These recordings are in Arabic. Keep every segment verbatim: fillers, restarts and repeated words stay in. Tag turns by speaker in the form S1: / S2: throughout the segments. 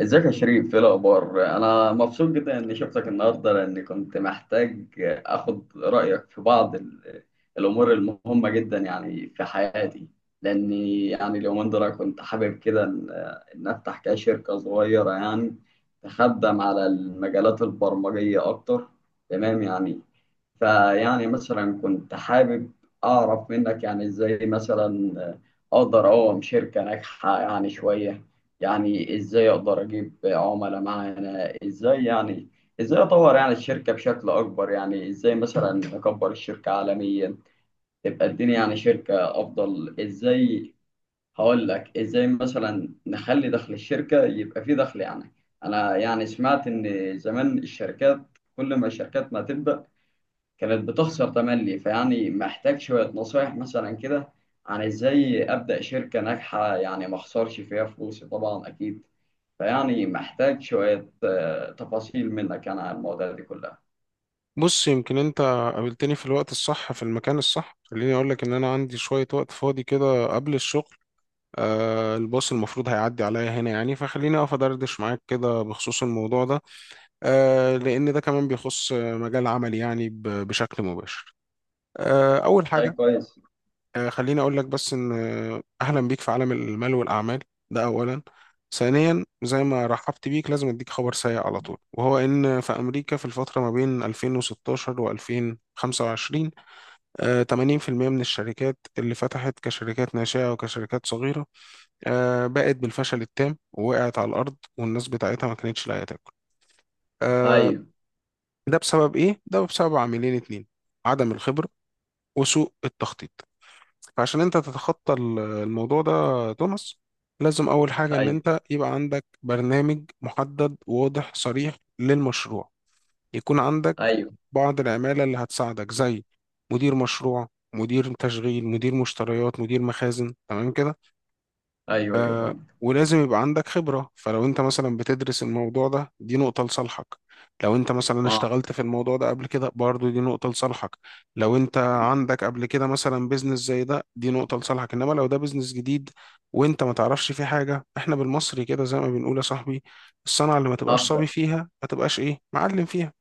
S1: ازيك يا شريف؟ ايه الاخبار؟ انا مبسوط جدا اني شفتك النهارده، لاني كنت محتاج اخد رايك في بعض ال- الامور المهمه جدا يعني في حياتي. لاني يعني اليومين دول كنت حابب كده ان إن افتح كده شركه صغيره يعني تخدم على المجالات البرمجيه اكتر. تمام يعني. فيعني مثلا كنت حابب اعرف منك يعني ازاي مثلا اقدر اقوم شركه ناجحه يعني شويه. يعني ازاي اقدر اجيب عملاء معانا؟ ازاي يعني ازاي اطور يعني الشركة بشكل اكبر؟ يعني ازاي مثلا اكبر الشركة عالميا تبقى الدنيا يعني شركة افضل ازاي؟ هقول لك ازاي مثلا نخلي دخل الشركة يبقى فيه دخل يعني. انا يعني سمعت ان زمان الشركات، كل ما الشركات ما تبدأ كانت بتخسر تملي. فيعني محتاج شوية نصايح مثلا كده عن ازاي أبدأ شركة ناجحة يعني ما اخسرش فيها فلوسي طبعا أكيد. فيعني محتاج شوية آه، تفاصيل منك أنا عن المواضيع دي كلها.
S2: بص يمكن انت قابلتني في الوقت الصح في المكان الصح. خليني اقول لك ان انا عندي شوية وقت فاضي كده قبل الشغل. آه الباص المفروض هيعدي عليا هنا يعني، فخليني اقف ادردش معاك كده بخصوص الموضوع ده. آه لان ده كمان بيخص مجال عملي يعني ب- بشكل مباشر. آه اول
S1: طيب،
S2: حاجة،
S1: كويس.
S2: آه، خليني اقول لك بس ان آه، اهلا بيك في عالم المال والاعمال. ده اولا. ثانيا، زي ما رحبت بيك لازم اديك خبر سيء على طول، وهو ان في امريكا في الفتره ما بين الفين وستاشر و2025 آه، تمانين في المية من الشركات اللي فتحت كشركات ناشئه وكشركات صغيره آه، بقت بالفشل التام، ووقعت على الارض، والناس بتاعتها ما كانتش لاقيه تاكل. آه،
S1: أيوه،
S2: ده بسبب ايه؟ ده بسبب عاملين اتنين: عدم الخبره وسوء التخطيط. فعشان انت تتخطى ال- الموضوع ده يا توماس، لازم اول حاجة ان
S1: أيوه،
S2: انت يبقى عندك برنامج محدد واضح صريح للمشروع، يكون عندك
S1: أيوه،
S2: بعض العمالة اللي هتساعدك زي مدير مشروع، مدير تشغيل، مدير مشتريات، مدير مخازن، تمام كده.
S1: أيوه، أيوه،
S2: آه
S1: فهمت.
S2: ولازم يبقى عندك خبرة. فلو انت مثلا بتدرس الموضوع ده، دي نقطة لصالحك. لو انت مثلا
S1: أه.
S2: اشتغلت في الموضوع ده قبل كده، برضو دي نقطة لصالحك. لو انت عندك قبل كده مثلا بيزنس زي ده، دي نقطة لصالحك. انما لو ده بيزنس جديد وانت ما تعرفش فيه حاجة، احنا بالمصري كده زي ما بنقول يا صاحبي، الصنعة اللي ما تبقاش
S1: هخسر.
S2: صبي فيها ما تبقاش ايه، معلم فيها.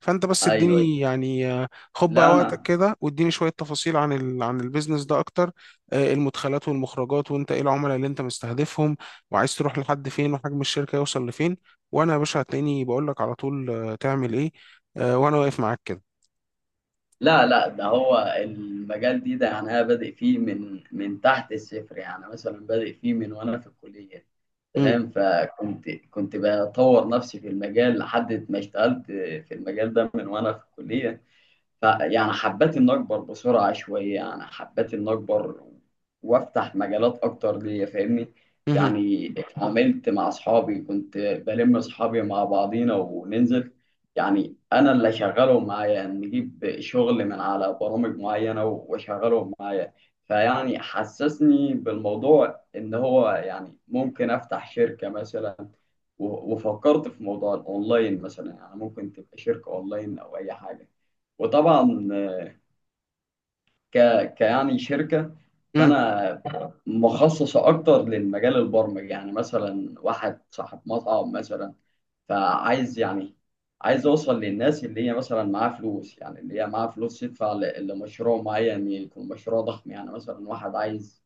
S2: فانت بس
S1: أيوه،
S2: اديني
S1: أيوه.
S2: يعني آه، خد بقى
S1: لا
S2: وقتك
S1: أنا.
S2: كده واديني شوية تفاصيل عن ال... عن البيزنس ده اكتر. آه، المدخلات والمخرجات، وانت ايه العملاء اللي انت مستهدفهم، وعايز تروح لحد فين، وحجم الشركة يوصل لفين. وانا يا باشا هتلاقيني بقول لك على طول آه، تعمل ايه آه، وانا واقف معاك كده.
S1: لا، لا، ده هو المجال دي ده يعني، أنا بادئ فيه من من تحت الصفر يعني، مثلا بادئ فيه من وأنا في الكلية.
S2: مم.
S1: تمام. فكنت كنت بطور نفسي في المجال لحد ما اشتغلت في المجال ده من وانا في الكلية. فيعني حبيت إن أكبر بسرعة شوية، يعني حبيت إن أكبر وأفتح مجالات أكتر ليا، فاهمني؟
S2: مهم.
S1: يعني اتعاملت مع أصحابي، كنت بلم أصحابي مع بعضينا وننزل، يعني أنا اللي أشغلهم معايا، نجيب شغل من على برامج معينة وأشغلهم معايا. فيعني حسسني بالموضوع إن هو يعني ممكن أفتح شركة مثلا. و- وفكرت في موضوع الأونلاين مثلا، يعني ممكن تبقى شركة أونلاين أو أي حاجة. وطبعا ك... كيعني شركة.
S2: مم.
S1: فأنا مخصصة أكتر للمجال البرمجي. يعني مثلا واحد صاحب مطعم مثلا، فعايز يعني عايز أوصل للناس اللي هي مثلا معاها فلوس، يعني اللي هي معاها فلوس تدفع ل- لمشروع معين يكون مشروع ضخم. يعني مثلا واحد عايز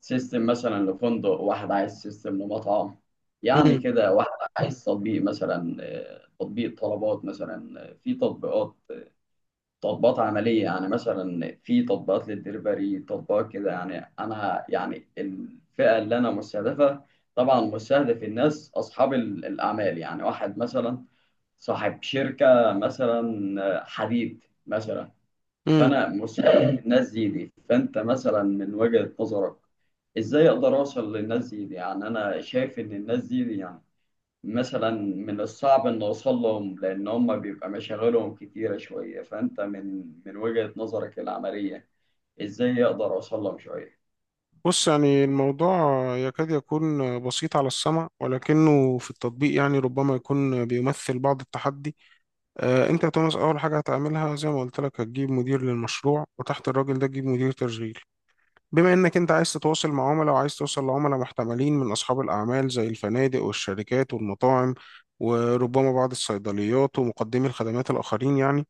S1: سيستم مثلا لفندق، واحد عايز سيستم لمطعم، يعني
S2: مم.
S1: كده واحد عايز تطبيق مثلا، آه، تطبيق طلبات مثلا، آه، في تطبيقات تطبيقات عملية. يعني مثلا في تطبيقات للدليفري، تطبيقات كده. يعني أنا يعني الفئة اللي أنا مستهدفة، طبعا مستهدف الناس أصحاب ال- الأعمال. يعني واحد مثلا صاحب شركة مثلا حديد مثلا.
S2: مم.
S1: فأنا مستهدف الناس دي دي. فأنت مثلا من وجهة نظرك، إزاي أقدر أوصل للناس دي دي يعني؟ أنا شايف إن الناس دي, دي يعني مثلا من الصعب ان اوصل لهم، لان هم بيبقى مشاغلهم كتيره شويه. فانت من من وجهة نظرك العمليه، ازاي اقدر اوصل لهم شويه؟
S2: بص يعني الموضوع يكاد يكون بسيط على السمع، ولكنه في التطبيق يعني ربما يكون بيمثل بعض التحدي. آه، انت يا توماس اول حاجة هتعملها زي ما قلت لك، هتجيب مدير للمشروع، وتحت الراجل ده تجيب مدير تشغيل. بما انك انت عايز تتواصل مع عملاء، وعايز توصل لعملاء محتملين من اصحاب الاعمال زي الفنادق والشركات والمطاعم، وربما بعض الصيدليات ومقدمي الخدمات الاخرين يعني،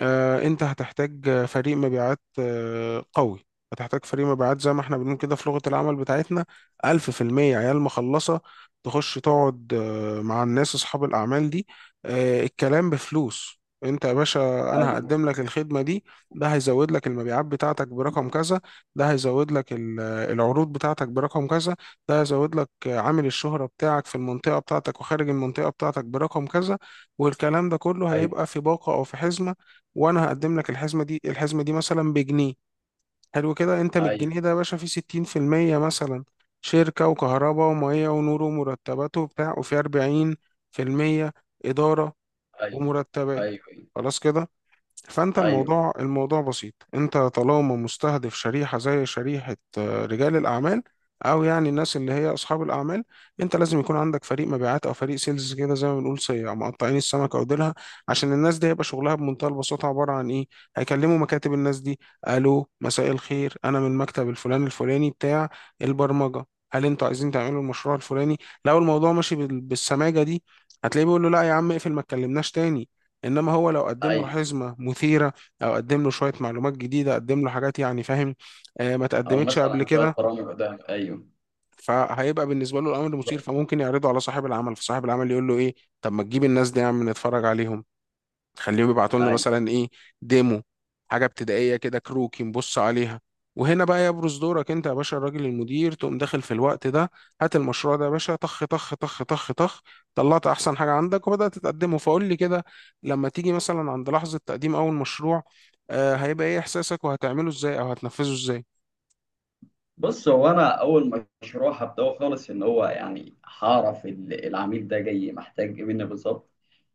S2: آه، انت هتحتاج فريق مبيعات آه، قوي. هتحتاج فريق مبيعات زي ما احنا بنقول كده في لغة العمل بتاعتنا، ألف في المية عيال مخلصة، تخش تقعد آه، مع الناس أصحاب الأعمال دي. آه، الكلام بفلوس. انت يا باشا، انا
S1: ايوه،
S2: هقدم لك الخدمة دي، ده هيزود لك المبيعات بتاعتك برقم كذا، ده هيزود لك ال- العروض بتاعتك برقم كذا، ده هيزود لك آه، عامل الشهرة بتاعك في المنطقة بتاعتك وخارج المنطقة بتاعتك برقم كذا، والكلام ده كله هيبقى
S1: ايوه،
S2: في باقة أو في حزمة. وانا هقدم لك الحزمه دي. الحزمه دي مثلا بجنيه. حلو كده. انت من
S1: ايوه،
S2: الجنيه ده يا باشا فيه ستين في المية مثلا شركه وكهرباء وميه ونور ومرتبات وبتاع، وفي اربعين في المية اداره
S1: ايوه،
S2: ومرتبات.
S1: ايوه، ايوه،
S2: خلاص كده. فانت
S1: ايوه،
S2: الموضوع الموضوع بسيط. انت طالما مستهدف شريحه زي شريحه آه، رجال الاعمال، او يعني الناس اللي هي اصحاب الاعمال، انت لازم يكون عندك فريق مبيعات او فريق سيلز كده، زي ما بنقول صيع مقطعين السمكه وديلها. عشان الناس دي هيبقى شغلها بمنتهى البساطه عباره عن ايه؟ هيكلموا مكاتب الناس دي: الو، مساء الخير، انا من مكتب الفلان الفلاني بتاع البرمجه، هل انتوا عايزين تعملوا المشروع الفلاني؟ لو الموضوع ماشي بال- بالسماجه دي، هتلاقيه بيقول له لا يا عم اقفل ما تكلمناش تاني. انما هو لو قدم له
S1: أيوه.
S2: حزمه مثيره، او قدم له شويه معلومات جديده، قدم له حاجات يعني فاهم آه، ما
S1: او
S2: تقدمتش قبل
S1: مثلا شويه
S2: كده،
S1: برامج قدام، ايوه
S2: فهيبقى بالنسبه له الامر مثير،
S1: بالظبط.
S2: فممكن يعرضه على صاحب العمل، فصاحب العمل يقول له ايه؟ طب ما تجيب الناس دي يا عم نتفرج عليهم، تخليهم يبعتوا لنا
S1: أيوه.
S2: مثلا ايه، ديمو، حاجه ابتدائيه كده، كروكي نبص عليها. وهنا بقى يبرز دورك انت يا باشا الراجل المدير، تقوم داخل في الوقت ده: هات المشروع ده يا باشا، طخ طخ طخ طخ طخ، طلعت احسن حاجه عندك وبدات تقدمه. فقول لي كده، لما تيجي مثلا عند لحظه تقديم اول مشروع، آه هيبقى ايه احساسك، وهتعمله ازاي، او هتنفذه ازاي؟
S1: بص، هو انا اول مشروع هبداه خالص ان هو يعني هعرف ال- العميل ده جاي محتاج ايه مني بالظبط.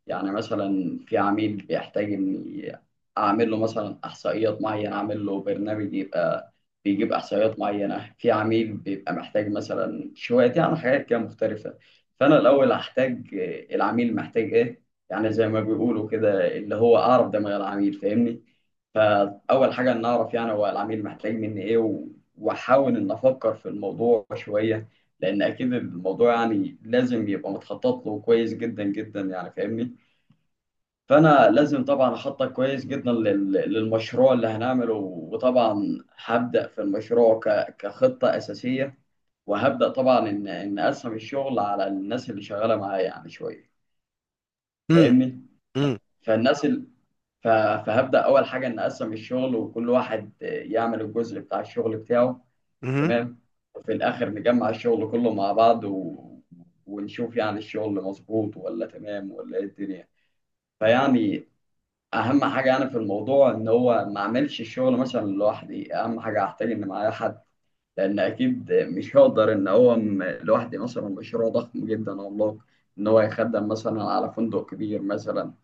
S1: يعني مثلا في عميل بيحتاج اني اعمل له مثلا احصائيات معينه، اعمل له برنامج يبقى بيجيب احصائيات معينه. في عميل بيبقى محتاج مثلا شويه يعني حاجات كده مختلفه. فانا الاول هحتاج آه، العميل محتاج ايه. يعني زي ما بيقولوا كده، اللي هو اعرف دماغ العميل، فاهمني؟ فاول حاجه ان اعرف يعني هو العميل محتاج مني ايه، واحاول ان افكر في الموضوع شويه، لان اكيد الموضوع يعني لازم يبقى متخطط له كويس جدا جدا، يعني فاهمني؟ فانا لازم طبعا اخطط كويس جدا لل- للمشروع اللي هنعمله. وطبعا هبدا في المشروع ك- كخطه اساسيه. وهبدا طبعا ان ان اقسم الشغل على الناس اللي شغاله معايا يعني شويه،
S2: امم.
S1: فاهمني؟ فالناس ال... ف- فهبدا اول حاجه ان اقسم الشغل، وكل واحد يعمل الجزء بتاع الشغل بتاعه.
S2: امم.
S1: تمام. وفي الآخر نجمع الشغل كله مع بعض و... ونشوف يعني الشغل مظبوط ولا تمام ولا إيه الدنيا. فيعني أهم حاجة يعني في الموضوع إن هو ما أعملش الشغل مثلا لوحدي. أهم حاجة أحتاج إن معايا حد، لأن أكيد مش هقدر إن هو م- لوحدي مثلا مشروع ضخم جدا عملاق، إن هو يخدم مثلا على فندق كبير مثلا.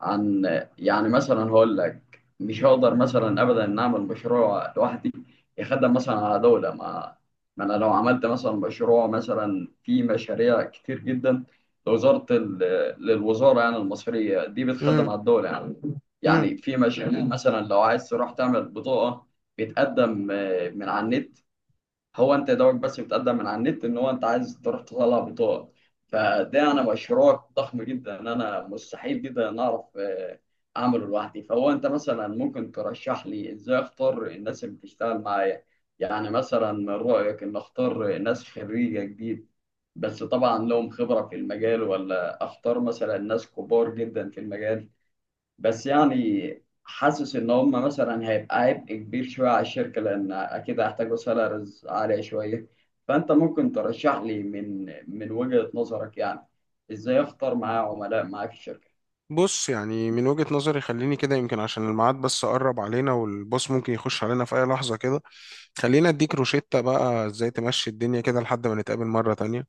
S1: عن، يعني مثلا هقول لك، مش هقدر مثلا ابدا ان اعمل مشروع لوحدي يخدم مثلا على دوله ما. ما انا لو عملت مثلا مشروع، مثلا في مشاريع كتير جدا لوزاره ال- للوزاره يعني المصريه دي بتخدم على الدوله يعني.
S2: امم.
S1: يعني في مشاريع مثلا لو عايز تروح تعمل بطاقه، بتقدم آه، من على النت. هو انت يا دوبك بس بتقدم من على النت ان هو انت عايز تروح تطلع بطاقه. فده انا مشروع ضخم جدا، انا مستحيل جدا ان اعرف آه، اعمله لوحدي. فهو انت مثلا ممكن ترشح لي ازاي اختار الناس اللي بتشتغل معايا؟ يعني مثلا من رايك ان اختار ناس خريجه جديد بس طبعا لهم خبره في المجال، ولا اختار مثلا ناس كبار جدا في المجال؟ بس يعني حاسس ان هم مثلا هيبقى عبء كبير شويه على الشركه، لان اكيد هيحتاجوا سالاريز عاليه شويه. فانت ممكن ترشح لي من من وجهه نظرك يعني ازاي اختار معايا عملاء معايا في الشركه؟
S2: بص يعني من وجهة نظري، خليني كده، يمكن عشان الميعاد بس قرب علينا، والبوس ممكن يخش علينا في أي لحظة كده، خلينا أديك روشتة بقى إزاي تمشي الدنيا كده لحد ما نتقابل مرة تانية.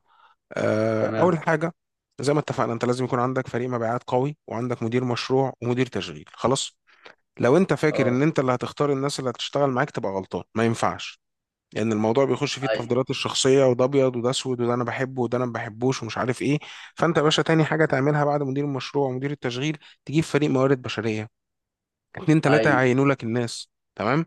S2: آه، أول
S1: تمام.
S2: حاجة، زي ما اتفقنا، أنت لازم يكون عندك فريق مبيعات قوي، وعندك مدير مشروع ومدير تشغيل. خلاص. لو أنت فاكر إن
S1: خلاص.
S2: أنت اللي هتختار الناس اللي هتشتغل معاك، تبقى غلطان، ما ينفعش، لان الموضوع بيخش فيه
S1: ايوه،
S2: التفضيلات الشخصيه، وده ابيض وده اسود وده انا بحبه وده انا ما بحبوش ومش عارف ايه. فانت يا باشا تاني حاجه تعملها بعد مدير المشروع ومدير التشغيل، تجيب فريق موارد بشريه، اتنين تلاته
S1: ايوه،
S2: يعينوا لك الناس. تمام.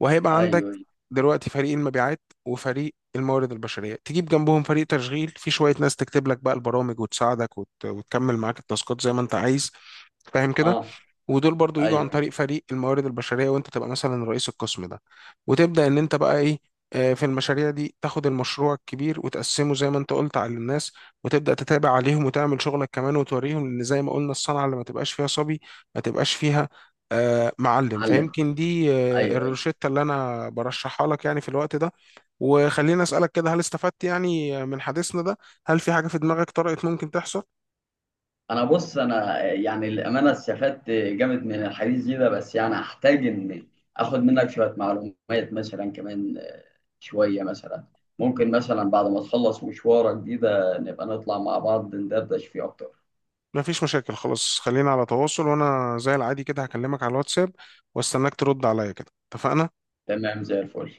S2: وهيبقى عندك
S1: ايوه.
S2: دلوقتي فريق المبيعات وفريق الموارد البشريه. تجيب جنبهم فريق تشغيل، في شويه ناس تكتب لك بقى البرامج وتساعدك وت... وتكمل معاك التاسكات زي ما انت عايز، فاهم كده.
S1: اه.
S2: ودول برضو يجوا عن
S1: ايوه.
S2: طريق فريق الموارد البشرية، وانت تبقى مثلا رئيس القسم ده، وتبدأ ان انت بقى ايه، آه، في المشاريع دي تاخد المشروع الكبير وتقسمه زي ما انت قلت على الناس، وتبدأ تتابع عليهم، وتعمل شغلك كمان وتوريهم، لان زي ما قلنا الصنعة اللي ما تبقاش فيها صبي ما تبقاش فيها آه، معلم.
S1: علم.
S2: فيمكن دي آه،
S1: ايوه.
S2: الروشتة اللي انا برشحها لك يعني في الوقت ده. وخليني اسألك كده، هل استفدت يعني من حديثنا ده؟ هل في حاجة في دماغك طرقت ممكن تحصل؟
S1: انا بص، انا يعني الامانه استفدت جامد من الحديث دي ده. بس يعني احتاج ان اخد منك شويه معلومات مثلا كمان، آه، شويه مثلا. ممكن مثلا بعد ما تخلص مشوارك دي ده نبقى نطلع مع بعض ندردش فيه اكتر.
S2: ما فيش مشاكل، خلاص، خلينا على تواصل، وانا زي العادي كده هكلمك على الواتساب واستناك ترد عليا كده، اتفقنا؟
S1: تمام، زي الفل.